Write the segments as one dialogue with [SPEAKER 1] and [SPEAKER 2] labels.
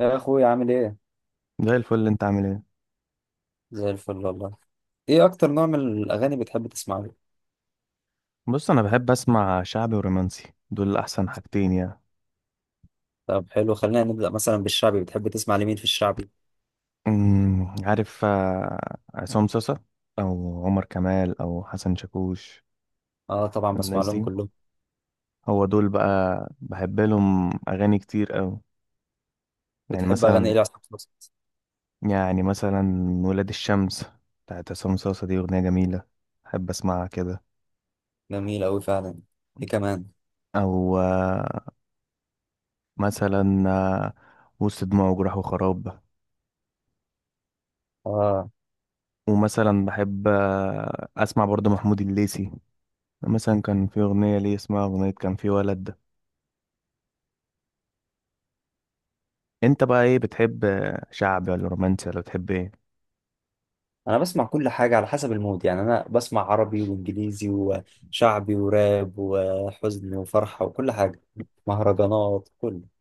[SPEAKER 1] يا اخوي، عامل ايه؟
[SPEAKER 2] زي الفل اللي انت عامل ايه؟
[SPEAKER 1] زي الفل والله. ايه اكتر نوع من الاغاني بتحب تسمعه؟
[SPEAKER 2] بص، انا بحب اسمع شعبي ورومانسي، دول احسن حاجتين يعني.
[SPEAKER 1] طب حلو، خلينا نبدا مثلا بالشعبي. بتحب تسمع لمين في الشعبي؟
[SPEAKER 2] عارف، عصام صاصا، او عمر كمال، او حسن شاكوش،
[SPEAKER 1] اه طبعا بسمع
[SPEAKER 2] الناس
[SPEAKER 1] لهم
[SPEAKER 2] دي،
[SPEAKER 1] كلهم.
[SPEAKER 2] هو دول بقى. بحب لهم اغاني كتير أوي. يعني
[SPEAKER 1] بتحب اغاني
[SPEAKER 2] مثلا
[SPEAKER 1] ايه لعصام صاصا؟
[SPEAKER 2] يعني مثلا ولاد الشمس، بتاعت عصام صاصا، دي اغنية جميلة، بحب اسمعها كده.
[SPEAKER 1] جميل قوي فعلا. ايه كمان؟
[SPEAKER 2] او مثلا وسط دموع وجراح وخراب.
[SPEAKER 1] اه
[SPEAKER 2] ومثلا بحب اسمع برضه محمود الليثي، مثلا كان في أغنية ليه اسمها أغنية كان في ولد ده. أنت بقى إيه بتحب؟ شعبي ولا رومانسي ولا بتحب إيه؟
[SPEAKER 1] انا بسمع كل حاجه على حسب المود، يعني انا بسمع عربي وانجليزي وشعبي وراب وحزن وفرحه وكل حاجه. مهرجانات، كله.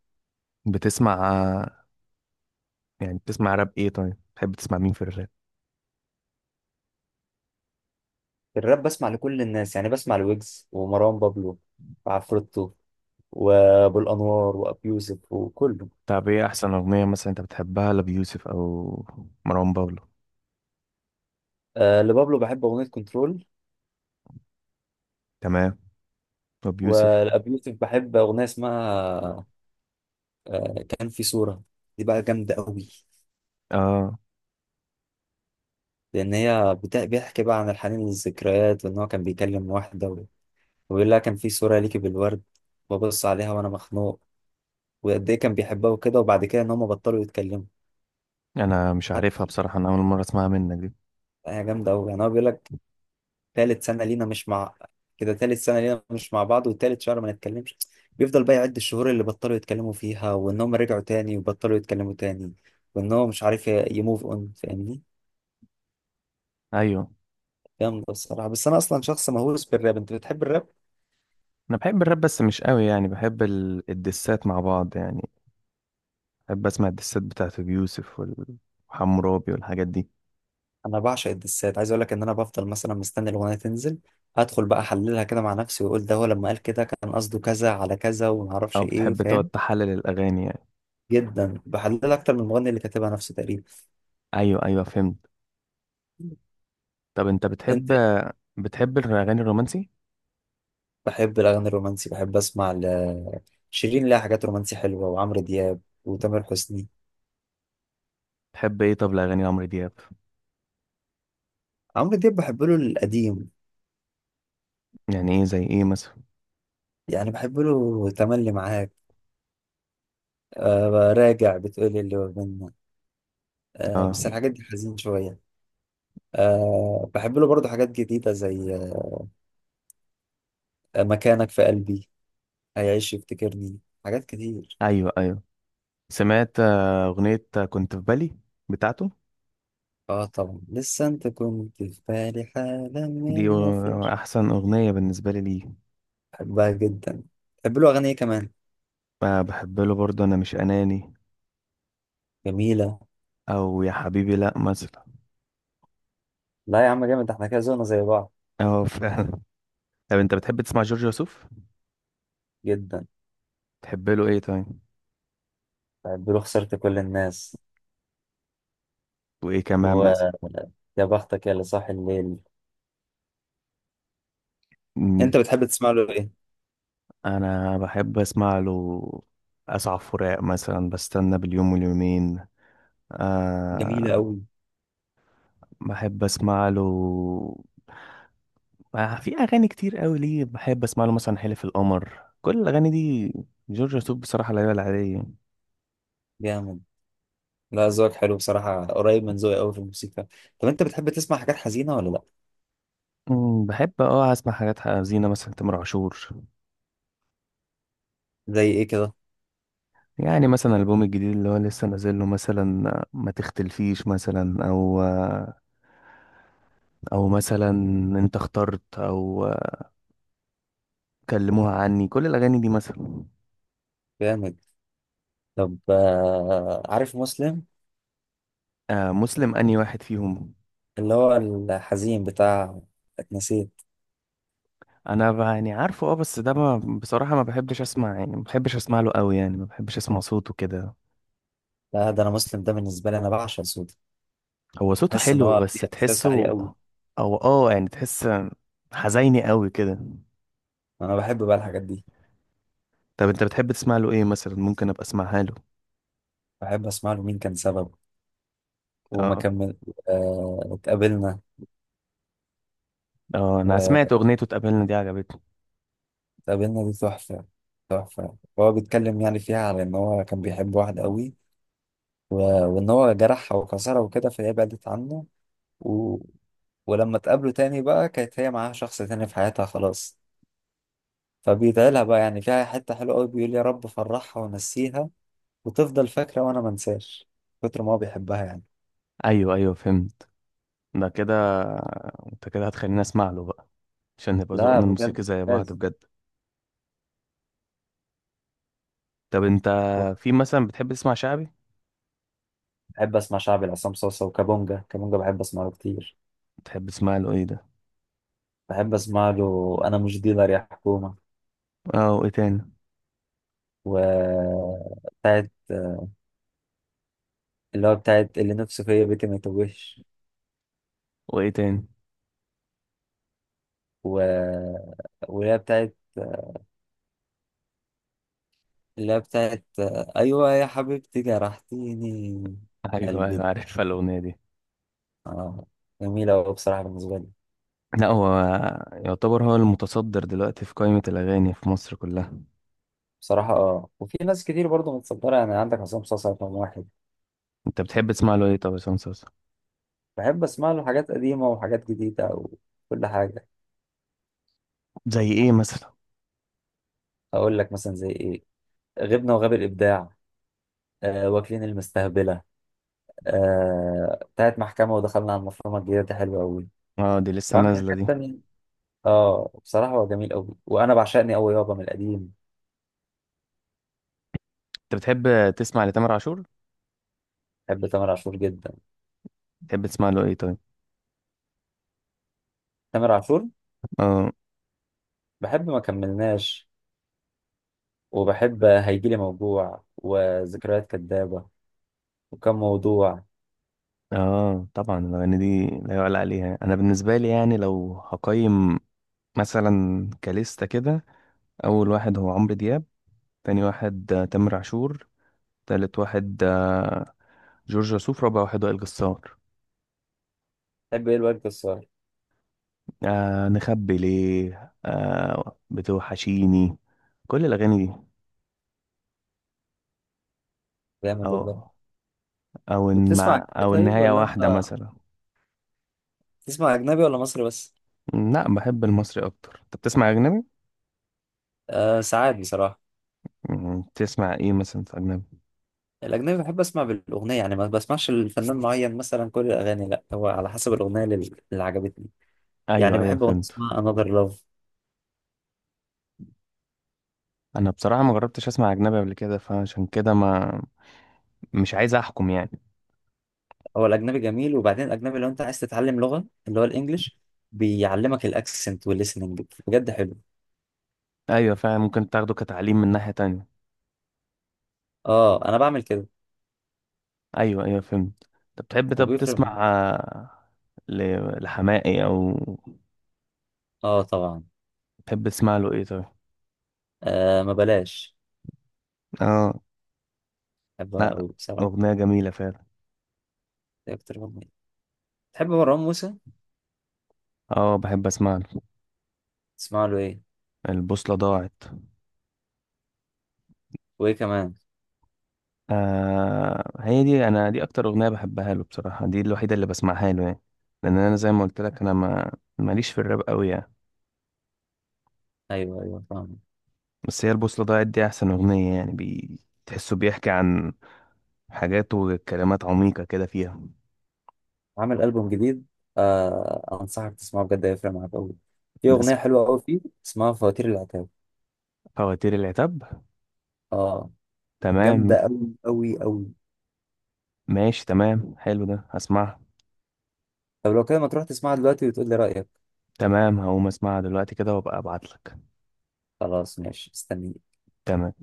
[SPEAKER 2] بتسمع يعني بتسمع راب إيه؟ طيب، بتحب تسمع مين في الراب؟
[SPEAKER 1] في الراب بسمع لكل الناس، يعني بسمع لويجز ومروان بابلو وعفروتو وابو الانوار وابيوسف وكله.
[SPEAKER 2] طب إيه أحسن أغنية مثلا أنت بتحبها لأبيوسف أو مروان بابلو؟
[SPEAKER 1] آه، لبابلو بحب أغنية كنترول.
[SPEAKER 2] تمام. أبيوسف.
[SPEAKER 1] ولأبي يوسف بحب أغنية اسمها كان في صورة. دي بقى جامدة قوي.
[SPEAKER 2] آه.
[SPEAKER 1] لأن هي بيحكي بقى عن الحنين للذكريات، وإن هو كان بيكلم واحدة وبيقول لها كان في صورة ليكي بالورد، ببص عليها وأنا مخنوق، وقد إيه كان بيحبها وكده، وبعد كده إن هما بطلوا يتكلموا.
[SPEAKER 2] أنا مش عارفها
[SPEAKER 1] حتى،
[SPEAKER 2] بصراحة، أنا أول مرة أسمعها منك دي.
[SPEAKER 1] هي جامدة قوي، يعني هو بيقول لك: تالت سنة لينا مش مع، كده تالت سنة لينا مش مع بعض وتالت شهر ما نتكلمش. بيفضل بقى يعد الشهور اللي بطلوا يتكلموا فيها، وانهم رجعوا تاني وبطلوا يتكلموا تاني، وانهم مش عارف يموف اون، فاهمني؟
[SPEAKER 2] أيوه.
[SPEAKER 1] جامدة الصراحة. بس انا اصلا شخص مهووس بالراب. انت بتحب الراب؟
[SPEAKER 2] أنا بحب الراب بس مش قوي يعني، بحب الدسات مع بعض يعني. بحب أسمع الدسات بتاعت أبيوسف وحمورابي والحاجات دي.
[SPEAKER 1] انا بعشق الدسات، عايز اقول لك ان انا بفضل مثلا مستني الاغنية تنزل، ادخل بقى احللها كده مع نفسي واقول ده هو لما قال كده كان قصده كذا على كذا وما اعرفش
[SPEAKER 2] أو
[SPEAKER 1] ايه،
[SPEAKER 2] بتحب تقعد
[SPEAKER 1] فاهم؟
[SPEAKER 2] تحلل الأغاني يعني؟
[SPEAKER 1] جدا بحللها اكتر من المغني اللي كاتبها نفسه تقريبا.
[SPEAKER 2] ايوه، ايوه، فهمت. طب انت بتحب الاغاني الرومانسي؟
[SPEAKER 1] بحب الأغاني الرومانسي. بحب أسمع شيرين، لها حاجات رومانسي حلوة، وعمرو دياب وتامر حسني.
[SPEAKER 2] تحب ايه طب الاغاني لعمرو دياب؟
[SPEAKER 1] عمرو دياب بحب له القديم.
[SPEAKER 2] يعني ايه زي ايه مثلا؟
[SPEAKER 1] يعني بحب له تملي معاك. أه، راجع بتقولي اللي هو منا. أه، بس
[SPEAKER 2] اه.
[SPEAKER 1] الحاجات دي حزين شوية. أه، بحب له برضه حاجات جديدة زي مكانك في قلبي، هيعيش يفتكرني، حاجات كتير.
[SPEAKER 2] ايوه، ايوه، سمعت اغنيه كنت في بالي بتاعته.
[SPEAKER 1] اه طبعا، لسه انت كنت في بالي حالا
[SPEAKER 2] دي
[SPEAKER 1] من ما فيش.
[SPEAKER 2] احسن اغنيه بالنسبه لي ليه.
[SPEAKER 1] بحبها جدا. بحب له أغاني إيه كمان؟
[SPEAKER 2] بحب له برضه انا مش اناني،
[SPEAKER 1] جميلة.
[SPEAKER 2] او يا حبيبي لا مثلا.
[SPEAKER 1] لا يا عم جامد، احنا كده زونا زي بعض.
[SPEAKER 2] اه، فعلا. طب انت بتحب تسمع جورج وسوف؟
[SPEAKER 1] جدا.
[SPEAKER 2] تحب له ايه طيب؟
[SPEAKER 1] بيقولوا خسرت كل الناس.
[SPEAKER 2] وايه كمان مثلا؟
[SPEAKER 1] ويا بختك يا اللي صاحي الليل.
[SPEAKER 2] مم.
[SPEAKER 1] انت بتحب تسمع له ايه؟
[SPEAKER 2] انا بحب اسمع له اسعى فراق مثلا، بستنى باليوم واليومين.
[SPEAKER 1] جميلة
[SPEAKER 2] أه.
[SPEAKER 1] قوي.
[SPEAKER 2] بحب اسمع له في اغاني كتير قوي ليه، بحب اسمع له مثلا حلف القمر، كل الاغاني دي. جورج وسوف بصراحه لا يعلى عليه.
[SPEAKER 1] جامد. لا، ذوقك حلو بصراحة، قريب من ذوقي قوي في الموسيقى. طب انت بتحب تسمع حاجات حزينة ولا لا؟
[SPEAKER 2] بحب اسمع حاجات حزينه مثلا تامر عاشور.
[SPEAKER 1] زي ايه كده؟
[SPEAKER 2] يعني مثلا الالبوم الجديد اللي هو لسه نازل له، مثلا ما تختلفيش، مثلا او او مثلا انت اخترت، او كلموها عني، كل الاغاني دي مثلا.
[SPEAKER 1] جامد. طب، عارف مسلم؟
[SPEAKER 2] آه، مسلم، اني واحد فيهم.
[SPEAKER 1] اللي هو الحزين بتاع اتنسيت.
[SPEAKER 2] يعني عارفه، بس ده، ما بصراحه ما بحبش اسمع يعني، ما بحبش اسمع له قوي يعني، ما بحبش اسمع صوته كده.
[SPEAKER 1] لا، ده انا مسلم ده بالنسبة لي انا بعشق صوته.
[SPEAKER 2] هو صوته
[SPEAKER 1] بحس ان
[SPEAKER 2] حلو
[SPEAKER 1] هو
[SPEAKER 2] بس
[SPEAKER 1] في احساس عالي
[SPEAKER 2] تحسه،
[SPEAKER 1] قوي.
[SPEAKER 2] او يعني تحس حزيني قوي كده.
[SPEAKER 1] انا بحب بقى الحاجات دي.
[SPEAKER 2] طب انت بتحب تسمع له ايه مثلا ممكن ابقى اسمعها له؟
[SPEAKER 1] بحب اسمع له مين كان سبب، وما
[SPEAKER 2] اه.
[SPEAKER 1] كمل، اتقابلنا.
[SPEAKER 2] اه، انا سمعت
[SPEAKER 1] واتقابلنا
[SPEAKER 2] اغنيته اتقابلنا دي، عجبتني.
[SPEAKER 1] دي تحفة. تحفة. هو بيتكلم يعني فيها على إن هو كان بيحب واحدة قوي، و... وإن هو جرحها وكسرها وكده، فهي بعدت عنه، و... ولما اتقابلوا تاني بقى كانت هي معاها شخص تاني في حياتها خلاص. فبيدعيلها بقى، يعني فيها حتة حلوة قوي، بيقول: يا رب فرحها ونسيها، وتفضل فاكرة وأنا منساش، كتر ما هو بيحبها يعني.
[SPEAKER 2] ايوه، ايوه، فهمت. ده كده، انت كده هتخليني اسمع له بقى، عشان نبقى
[SPEAKER 1] لا
[SPEAKER 2] ذوقنا
[SPEAKER 1] بجد.
[SPEAKER 2] الموسيقي زي بعض
[SPEAKER 1] لازم.
[SPEAKER 2] بجد. طب انت، في مثلا بتحب تسمع شعبي؟
[SPEAKER 1] بحب أسمع شعبي لعصام صوصة وكابونجا كابونجا، بحب أسمعه كتير.
[SPEAKER 2] بتحب تسمع له ايه ده؟
[SPEAKER 1] بحب أسمع له أنا مش ديلر يا حكومة.
[SPEAKER 2] اه، وايه تاني؟
[SPEAKER 1] وبتاعت اللي هو بتاعت اللي نفسه فيا بيتي ما يتوهش،
[SPEAKER 2] وايه تاني؟
[SPEAKER 1] و... واللي هي بتاعت، اللي هي بتاعت أيوة يا حبيبتي جرحتيني
[SPEAKER 2] ايوه،
[SPEAKER 1] قلبي.
[SPEAKER 2] ايوه، عارفها الاغنيه دي.
[SPEAKER 1] آه. جميلة أوي بصراحة بالنسبة لي.
[SPEAKER 2] لا، هو يعتبر هو المتصدر دلوقتي في قائمه الاغاني في مصر كلها.
[SPEAKER 1] بصراحة وفي ناس كتير برضه متصدرة، يعني عندك عصام صاصا رقم واحد.
[SPEAKER 2] انت بتحب تسمع له ايه طب يا عصام صاصا؟
[SPEAKER 1] بحب أسمع له حاجات قديمة وحاجات جديدة وكل حاجة.
[SPEAKER 2] زي ايه مثلا؟
[SPEAKER 1] أقول لك مثلا زي إيه. غبنا وغاب الإبداع. واكلين المستهبلة. بتاعت محكمة. ودخلنا على المفرمة الجديدة دي حلوة أوي.
[SPEAKER 2] اه، دي لسه
[SPEAKER 1] وعامل
[SPEAKER 2] نازله
[SPEAKER 1] حاجات
[SPEAKER 2] دي.
[SPEAKER 1] تانية. اه بصراحة هو جميل قوي، وانا بعشقني قوي يابا من القديم.
[SPEAKER 2] انت بتحب تسمع لتامر عاشور؟
[SPEAKER 1] بحب تامر عاشور جدا.
[SPEAKER 2] بتحب تسمع له ايه طيب؟
[SPEAKER 1] تامر عاشور،
[SPEAKER 2] اه.
[SPEAKER 1] بحب ما كملناش، وبحب هيجيلي موجوع وذكريات كدابة، وكم موضوع.
[SPEAKER 2] اه، طبعا الاغاني دي لا يعلى عليها، انا بالنسبه لي يعني لو هقيم مثلا كليستا كده، اول واحد هو عمرو دياب، تاني واحد تامر عاشور، تالت واحد جورج وسوف، رابع واحد وائل جسار.
[SPEAKER 1] بحب ايه الواد الصغير.
[SPEAKER 2] آه، نخبي ليه، بتوحشيني، كل الأغاني دي.
[SPEAKER 1] جامد والله.
[SPEAKER 2] أو أو إن
[SPEAKER 1] بتسمع
[SPEAKER 2] مع
[SPEAKER 1] أجنبي
[SPEAKER 2] أو
[SPEAKER 1] طيب،
[SPEAKER 2] النهاية
[SPEAKER 1] ولا
[SPEAKER 2] واحدة
[SPEAKER 1] انت
[SPEAKER 2] مثلا.
[SPEAKER 1] بتسمع اجنبي ولا مصري بس؟
[SPEAKER 2] لا، بحب المصري أكتر. أنت بتسمع أجنبي؟
[SPEAKER 1] آه ساعات بصراحة.
[SPEAKER 2] بتسمع إيه مثلا في أجنبي؟
[SPEAKER 1] الأجنبي بحب أسمع بالأغنية، يعني ما بسمعش الفنان معين مثلا كل الأغاني، لا، هو على حسب الأغنية اللي عجبتني. يعني
[SPEAKER 2] أيوه، أيوه،
[SPEAKER 1] بحب أغنية
[SPEAKER 2] فهمت.
[SPEAKER 1] اسمها Another Love.
[SPEAKER 2] أنا بصراحة ما جربتش أسمع أجنبي قبل كده، فعشان كده ما مش عايز أحكم يعني.
[SPEAKER 1] هو الاجنبي جميل، وبعدين الاجنبي لو انت عايز تتعلم لغه اللي هو الانجليش، بيعلمك الاكسنت والليسننج بجد حلو.
[SPEAKER 2] أيوه فعلا، ممكن تاخده كتعليم من ناحية تانية.
[SPEAKER 1] اه انا بعمل كده.
[SPEAKER 2] أيوه، أيوه، فهمت. أنت بتحب طب
[SPEAKER 1] وبيفرق
[SPEAKER 2] تسمع لحماقي أو؟
[SPEAKER 1] اه طبعا.
[SPEAKER 2] تحب تسمع له إيه طيب؟
[SPEAKER 1] آه ما بلاش.
[SPEAKER 2] اه،
[SPEAKER 1] بحبها قوي بصراحه.
[SPEAKER 2] أغنية جميلة فعلا.
[SPEAKER 1] دي اكتر اغنيه. تحب مروان موسى؟
[SPEAKER 2] اه، بحب اسمع له
[SPEAKER 1] تسمع له ايه؟
[SPEAKER 2] البوصلة ضاعت.
[SPEAKER 1] وايه كمان؟
[SPEAKER 2] آه، هي دي، انا دي اكتر أغنية بحبها له بصراحة، دي الوحيدة اللي بسمعها له يعني، لان انا زي ما قلت لك، انا ما ماليش في الراب قوي يعني.
[SPEAKER 1] ايوه ايوه، فاهم.
[SPEAKER 2] بس هي البوصلة ضاعت دي احسن أغنية يعني تحسه بيحكي عن حاجات وكلمات عميقة كده فيها.
[SPEAKER 1] عامل البوم جديد. آه انصحك تسمعه بجد هيفرق معاك قوي. في
[SPEAKER 2] ده
[SPEAKER 1] اغنيه
[SPEAKER 2] اسم-
[SPEAKER 1] حلوه قوي فيه، اسمها فواتير العتاب.
[SPEAKER 2] فواتير العتاب.
[SPEAKER 1] اه. جامده
[SPEAKER 2] تمام،
[SPEAKER 1] قوي قوي قوي.
[SPEAKER 2] ماشي، تمام، حلو، ده هسمعها.
[SPEAKER 1] طب لو كده ما تروح تسمعها دلوقتي وتقول لي رايك.
[SPEAKER 2] تمام، هقوم اسمعها دلوقتي كده وابقى ابعتلك.
[SPEAKER 1] خلاص ماشي، استنيك.
[SPEAKER 2] تمام.